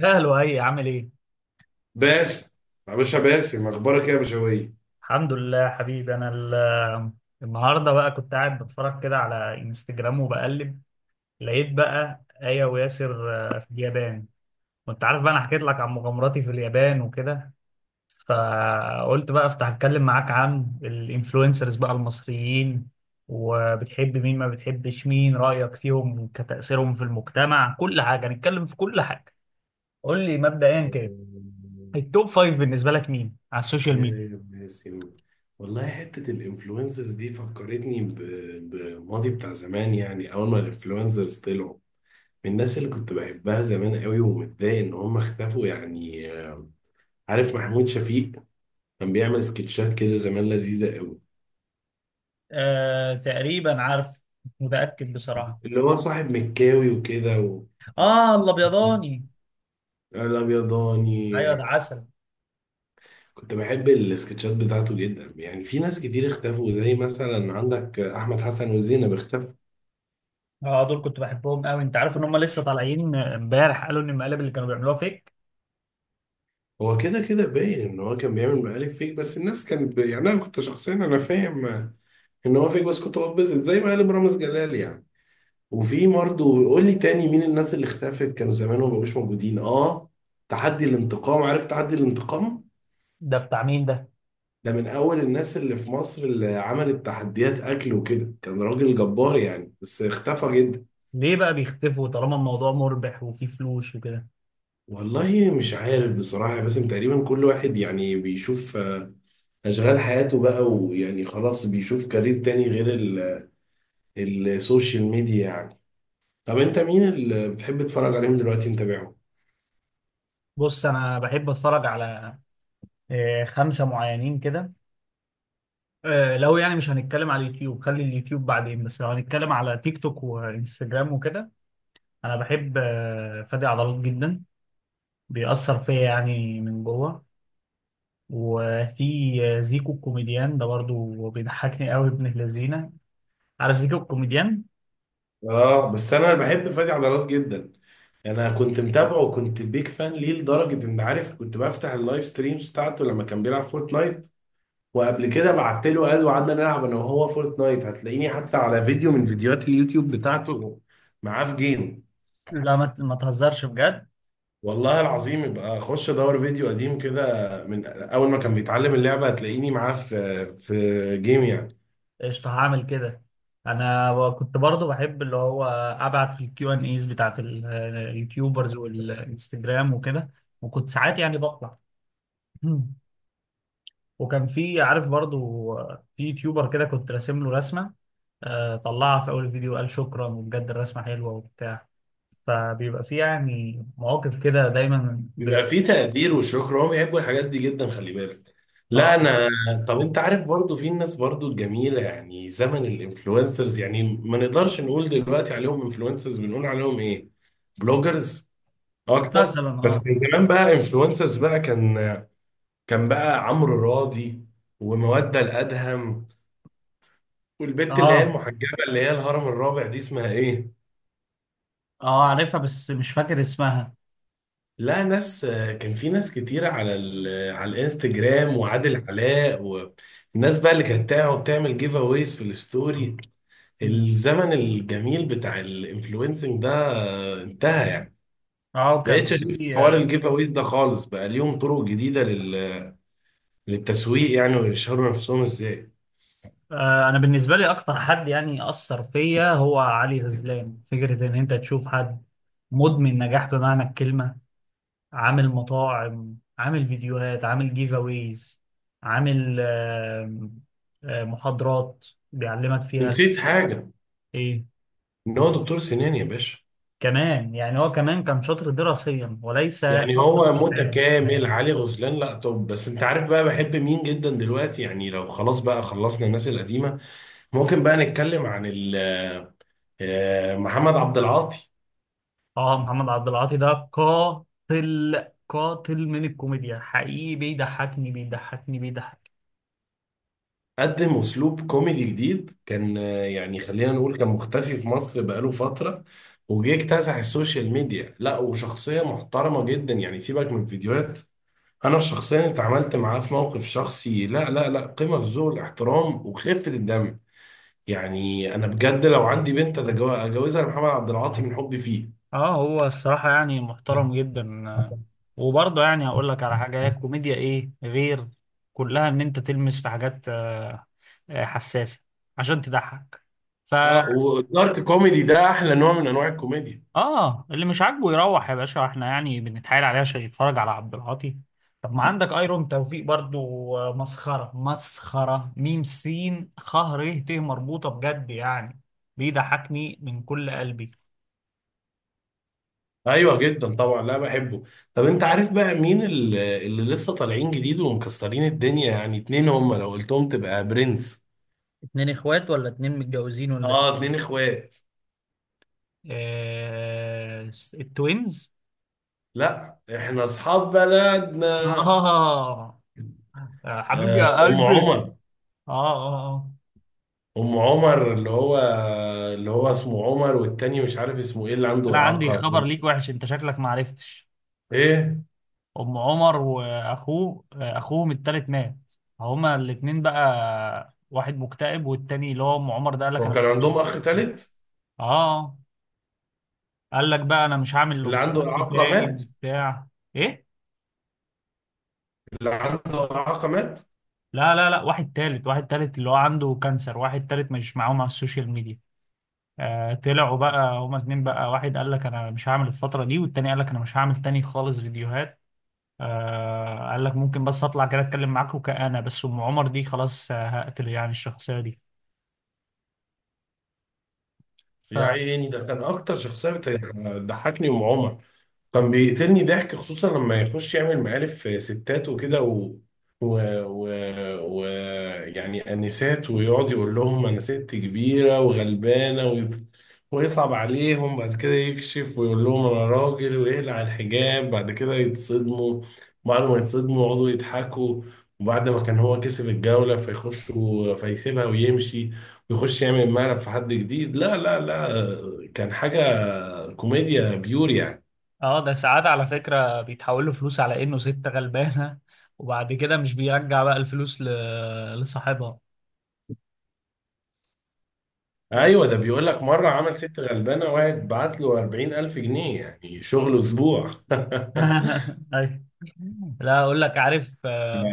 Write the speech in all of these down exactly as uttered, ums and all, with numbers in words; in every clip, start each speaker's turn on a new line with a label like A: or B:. A: يا هلو، اي عامل ايه؟
B: باسم، يا باشا باسم اخبارك إيه يا بشوية.
A: الحمد لله حبيبي. انا ال- النهارده بقى كنت قاعد بتفرج كده على انستجرام وبقلب. لقيت بقى آية وياسر آه، في اليابان. وانت عارف بقى انا حكيت لك عن مغامراتي في اليابان وكده، فقلت بقى افتح اتكلم معاك عن الانفلونسرز بقى المصريين، وبتحب مين ما بتحبش مين، رأيك فيهم كتأثيرهم في المجتمع، كل حاجة هنتكلم في كل حاجة. قول لي مبدئيا كده، التوب فايف بالنسبة لك مين على السوشيال
B: يا يا
A: ميديا؟
B: باسم، والله حتة الانفلونسرز دي فكرتني ب- بماضي بتاع زمان. يعني أول ما الانفلونسرز طلعوا، من الناس اللي كنت بحبها زمان قوي ومتضايق إن هم اختفوا يعني. عارف محمود شفيق؟ كان بيعمل سكتشات كده زمان لذيذة قوي.
A: آه تقريبا عارف. مش متأكد بصراحة.
B: اللي هو صاحب مكاوي وكده و...
A: اه، الابيضاني. ايوه،
B: الأبيضاني.
A: ده عسل.
B: كنت بحب السكتشات بتاعته جدا يعني. في ناس كتير اختفوا، زي مثلا عندك احمد حسن وزينب اختفوا.
A: اه دول كنت بحبهم قوي. انت عارف ان هم لسه طالعين امبارح قالوا ان المقالب اللي كانوا بيعملوها فيك؟
B: هو كده كده باين ان هو كان بيعمل مقالب فيك، بس الناس كانت ب... يعني انا كنت شخصيا انا فاهم ان هو فيك، بس كنت بتبسط زي مقالب رامز جلال يعني. وفي برضه، قول لي تاني مين الناس اللي اختفت كانوا زمان وما بقوش موجودين. اه، تحدي الانتقام، عارف تحدي الانتقام؟
A: ده بتاع مين ده؟
B: ده من اول الناس اللي في مصر اللي عملت تحديات اكل وكده، كان راجل جبار يعني بس اختفى جدا.
A: ليه بقى بيختفوا طالما الموضوع مربح وفيه فلوس وكده؟
B: والله مش عارف بصراحة، بس تقريبا كل واحد يعني بيشوف آه، أشغال حياته بقى، ويعني خلاص بيشوف كارير تاني غير ال- السوشيال ميديا يعني. طب أنت مين اللي بتحب تتفرج عليهم دلوقتي متابعهم؟
A: بص، انا بحب اتفرج على آه خمسة معينين كده. آه لو يعني مش هنتكلم على اليوتيوب، خلي اليوتيوب بعدين، بس لو هنتكلم على تيك توك وانستجرام وكده، انا بحب آه فادي عضلات جدا. بيأثر فيا يعني من جوه. وفي زيكو الكوميديان ده برضو بيضحكني قوي ابن الذين. عارف زيكو الكوميديان؟
B: آه، بس أنا بحب فادي عضلات جدا. أنا كنت متابعه وكنت بيك فان ليه لدرجة إن، عارف، كنت بفتح اللايف ستريمز بتاعته لما كان بيلعب فورتنايت. وقبل كده بعت له قال، وقعدنا نلعب أنا وهو فورتنايت. هتلاقيني حتى على فيديو من فيديوهات اليوتيوب بتاعته معاه في جيم.
A: مم. لا، ما ت- ما تهزرش بجد.
B: والله العظيم، يبقى اخش ادور فيديو قديم كده من اول ما كان بيتعلم اللعبه، هتلاقيني معاه في في جيم يعني.
A: قشطة، هعمل كده. انا كنت برضو بحب اللي هو ابعت في الكيو ان ايز بتاعت ال- اليوتيوبرز والانستجرام وكده. وكنت ساعات يعني بطلع. مم. وكان في، عارف برضو، في يوتيوبر كده كنت راسم له رسمة. آه، طلعها في اول فيديو، قال شكرا وبجد الرسمة حلوة وبتاع. فبيبقى في يعني مواقف كده دايما ب...
B: بيبقى فيه تقدير والشكر، هم بيحبوا الحاجات دي جدا، خلي بالك. لا
A: اه.
B: انا. طب انت عارف برضو في الناس برضو الجميله، يعني زمن الانفلونسرز، يعني ما نقدرش نقول دلوقتي عليهم انفلونسرز، بنقول عليهم ايه، بلوجرز اكتر.
A: مثلا
B: بس
A: اه.
B: كان زمان بقى انفلونسرز بقى، كان كان بقى عمرو راضي، ومودة الأدهم، والبت اللي هي
A: اه
B: المحجبة اللي هي الهرم الرابع، دي اسمها ايه؟
A: اه عارفها بس مش فاكر اسمها.
B: لا ناس، كان في ناس كتير على ال... على الانستجرام، وعادل علاء، والناس بقى اللي كانت تقعد تعمل جيف اويز في الستوري.
A: مم.
B: الزمن الجميل بتاع الانفلونسنج ده انتهى يعني.
A: اه
B: بقيتش
A: كان
B: اشوف
A: في
B: حوار
A: آه
B: الجيف اويز ده خالص، بقى ليهم طرق جديدة لل... للتسويق يعني، ويشهروا نفسهم ازاي.
A: آه، انا بالنسبه لي اكتر حد يعني اثر فيا هو علي غزلان. فكره ان انت تشوف حد مدمن نجاح بمعنى الكلمه. عامل مطاعم، عامل فيديوهات، عامل جيف اويز، عامل آه آه محاضرات بيعلمك فيها.
B: نسيت حاجة.
A: ايه؟
B: ان هو دكتور سنان يا باشا.
A: كمان يعني هو كمان كان شاطر دراسيا وليس
B: يعني
A: فقط
B: هو
A: في الحياه.
B: متكامل علي غزلان. لا، طب بس انت عارف بقى بحب مين جدا دلوقتي؟ يعني لو خلاص بقى خلصنا الناس القديمة، ممكن بقى نتكلم عن ال- آه، محمد عبد العاطي.
A: اه، محمد عبد العاطي ده قاتل قاتل من الكوميديا حقيقي، بيضحكني بيضحكني بيضحك.
B: قدم اسلوب كوميدي جديد، كان آه، يعني خلينا نقول كان مختفي في مصر بقاله فترة، وجه اكتسح السوشيال ميديا. لا، وشخصية محترمة جدا، يعني سيبك من الفيديوهات، انا شخصيا اتعاملت معاه في موقف شخصي، لا لا لا، قمة في ذوق الاحترام وخفة الدم يعني. انا بجد لو عندي بنت أتجو- اجوزها لمحمد عبد العاطي من حبي فيه.
A: اه هو الصراحة يعني محترم جدا. آه، وبرضه يعني هقول لك على حاجة، هي الكوميديا ايه غير كلها ان انت تلمس في حاجات آه، آه، حساسة عشان تضحك. ف
B: اه، والدارك كوميدي ده احلى نوع من انواع الكوميديا.
A: اه، اللي مش عاجبه يروح يا باشا، احنا يعني بنتحايل عليه عشان يتفرج على عبد العاطي. طب ما عندك ايرون توفيق برضو. آه، مسخرة مسخرة، ميم سين خ ر ت مربوطة بجد يعني. بيضحكني من كل قلبي.
B: ايوه جدا طبعا، لا بحبه. طب انت عارف بقى مين ال- اللي لسه طالعين جديد ومكسرين الدنيا؟ يعني اتنين هم لو قلتهم تبقى برنس.
A: اتنين اخوات ولا اتنين متجوزين ولا
B: اه،
A: اتنين؟
B: اتنين اخوات.
A: آه التوينز.
B: لا، احنا اصحاب بلدنا.
A: آه. آه، حبيبي
B: آه،
A: يا
B: ام
A: قلبي.
B: عمر.
A: آه, آه آه.
B: ام عمر اللي هو، اللي هو اسمه عمر، والتاني مش عارف اسمه ايه، اللي
A: أنا
B: عنده
A: عندي
B: اعاقه.
A: خبر ليك وحش، أنت شكلك ما عرفتش.
B: ايه،
A: ام عمر واخوه آه، اخوهم التالت مات. هما الاتنين بقى، واحد مكتئب والتاني اللي هو ام عمر ده قال لك
B: هو
A: انا مش
B: كان
A: هعمل
B: عندهم اخ
A: دلوقتي تاني.
B: تالت؟
A: اه قال لك بقى انا مش هعمل الام
B: اللي
A: عمر
B: عنده
A: دي
B: إعاقة
A: تاني
B: مات.
A: وبتاع. ايه؟
B: اللي عنده إعاقة مات.
A: لا لا لا، واحد تالت، واحد تالت اللي هو عنده كانسر، واحد تالت مش معاهم على السوشيال ميديا. آه طلعوا بقى هما اتنين بقى، واحد قال لك انا مش هعمل الفترة دي، والتاني قال لك انا مش هعمل تاني خالص فيديوهات. آه قال لك ممكن بس اطلع كده اتكلم معاكم كأنا، بس ام عمر دي خلاص آه، هقتل يعني الشخصية دي. ف
B: يا عيني، ده كان أكتر شخصية بت- ضحكني ومعومة. كان بيقتلني ضحك، خصوصا لما يخش يعمل مقالب ستات وكده، و... و... و... و يعني انسات، ويقعد يقول لهم انا ست كبيره وغلبانه، وي... ويصعب عليهم، بعد كده يكشف ويقول لهم انا راجل، ويقلع الحجاب، بعد كده يتصدموا. بعد ما يتصدموا يقعدوا يضحكوا، وبعد ما كان هو كسب الجوله فيخش و... فيسيبها ويمشي، ويخش يعمل مقلب في حد جديد. لا لا لا، كان حاجه كوميديا بيور يعني.
A: اه، ده ساعات على فكرة بيتحول له فلوس على انه ست غلبانة، وبعد كده مش بيرجع بقى الفلوس ل... لصاحبها.
B: ايوه،
A: و-
B: ده بيقول لك مره عمل ست غلبانه، واحد بعت له أربعين ألف جنيه يعني شغله اسبوع.
A: ايوه. لا اقول لك، عارف آه،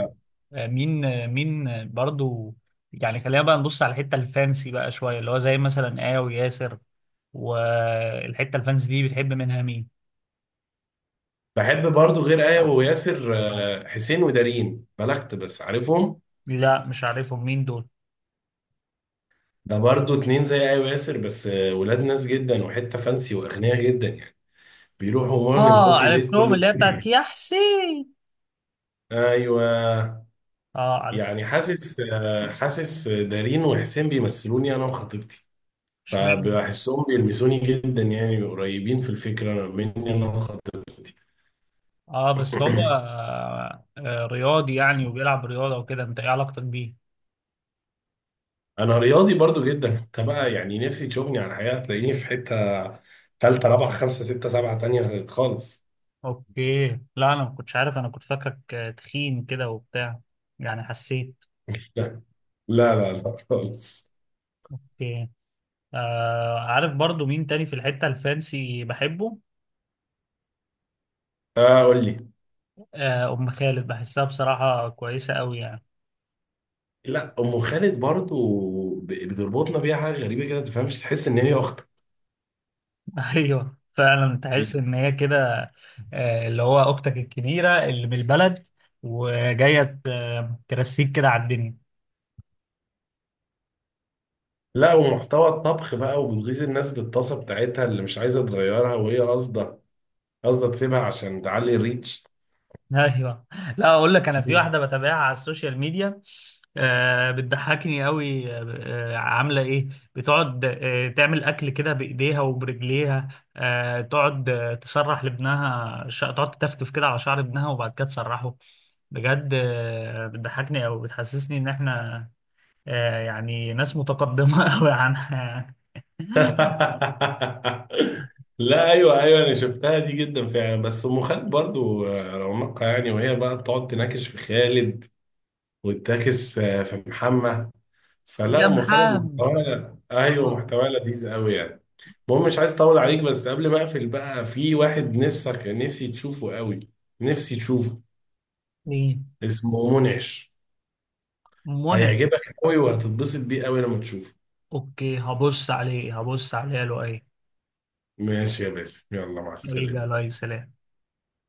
A: آه، مين آه، مين آه، برضو، يعني خلينا بقى نبص على الحتة الفانسي بقى شوية، اللي هو زي مثلا آه وياسر. والحتة الفانسي دي بتحب منها مين؟
B: بحب برضو غير آية وياسر آه، حسين ودارين بلغت، بس عارفهم؟
A: لا مش عارفهم، مين دول؟
B: ده برضو اتنين زي آية وياسر، بس آه، ولاد ناس جدا وحتة فانسي وأغنياء جدا يعني. بيروحوا مورنينج
A: اه
B: كوفي ديت
A: عرفتهم،
B: كل
A: اللي هي بتاعت
B: جمعة.
A: يا حسين.
B: ايوه.
A: اه عارف.
B: يعني حاسس، آه، حاسس دارين وحسين بيمثلوني انا وخطيبتي،
A: اشمعنى؟
B: فبحسهم بيلمسوني جدا، يعني قريبين في الفكرة مني انا.
A: اه بس هو آه، آه، رياضي يعني وبيلعب رياضة وكده، انت ايه علاقتك بيه؟
B: انا رياضي برضو جدا. انت بقى يعني نفسي تشوفني على الحقيقه، تلاقيني في حته ثالثه رابعه خمسه سته سبعه تانية خالص.
A: اوكي. لا، انا ما كنتش عارف، انا كنت فاكرك آه، تخين كده وبتاع، يعني حسيت.
B: لا، لا لا لا خالص.
A: اوكي. آه عارف برضو مين تاني في الحتة الفانسي بحبه؟
B: آه، قول لي.
A: آه ام خالد بحسها بصراحة كويسة قوي يعني.
B: لا، ام خالد برضو ب- بتربطنا بيها حاجه غريبه كده، ما تفهمش، تحس ان هي اختك.
A: ايوه فعلا تحس ان هي كده، آه اللي هو اختك الكبيرة اللي من البلد، وجاية آه، ترسيك كده على الدنيا.
B: لا، ومحتوى الطبخ بقى، وبتغيظ الناس بالطاسه بتاعتها اللي مش عايزه تغيرها، وهي قاصده، قاصده تسيبها عشان تعلي الريتش.
A: ايوه. لا اقول لك، انا في واحده بتابعها على السوشيال ميديا آه بتضحكني قوي. آه، عامله ايه، بتقعد آه تعمل اكل كده بايديها وبرجليها. آه تقعد آه تسرح لابنها، ش... تقعد تتفتف كده على شعر ابنها وبعد كده تسرحه. بجد آه بتضحكني، او بتحسسني ان احنا آه يعني ناس متقدمه قوي عنها.
B: لا، ايوه ايوه، انا شفتها دي جدا فعلا. بس ام خالد برضو آه، رونقها يعني، وهي بقى تقعد تناكش في خالد، وتناكش آه، في محمد. فلا،
A: يا
B: ام خالد
A: محمد.
B: محتواها، ايوه
A: آه.
B: محتواها لذيذ قوي يعني. المهم، مش عايز اطول عليك، بس قبل ما اقفل بقى، في واحد نفسك نفسي تشوفه قوي، نفسي تشوفه.
A: ايه؟
B: اسمه منعش.
A: منى؟
B: هيعجبك قوي وهتتبسط بيه قوي لما تشوفه.
A: اوكي، هبص عليه هبص عليه. له ايه؟
B: ماشي يا باسم، يلا مع
A: حبيبي يا
B: السلامة.
A: لؤي، سلام.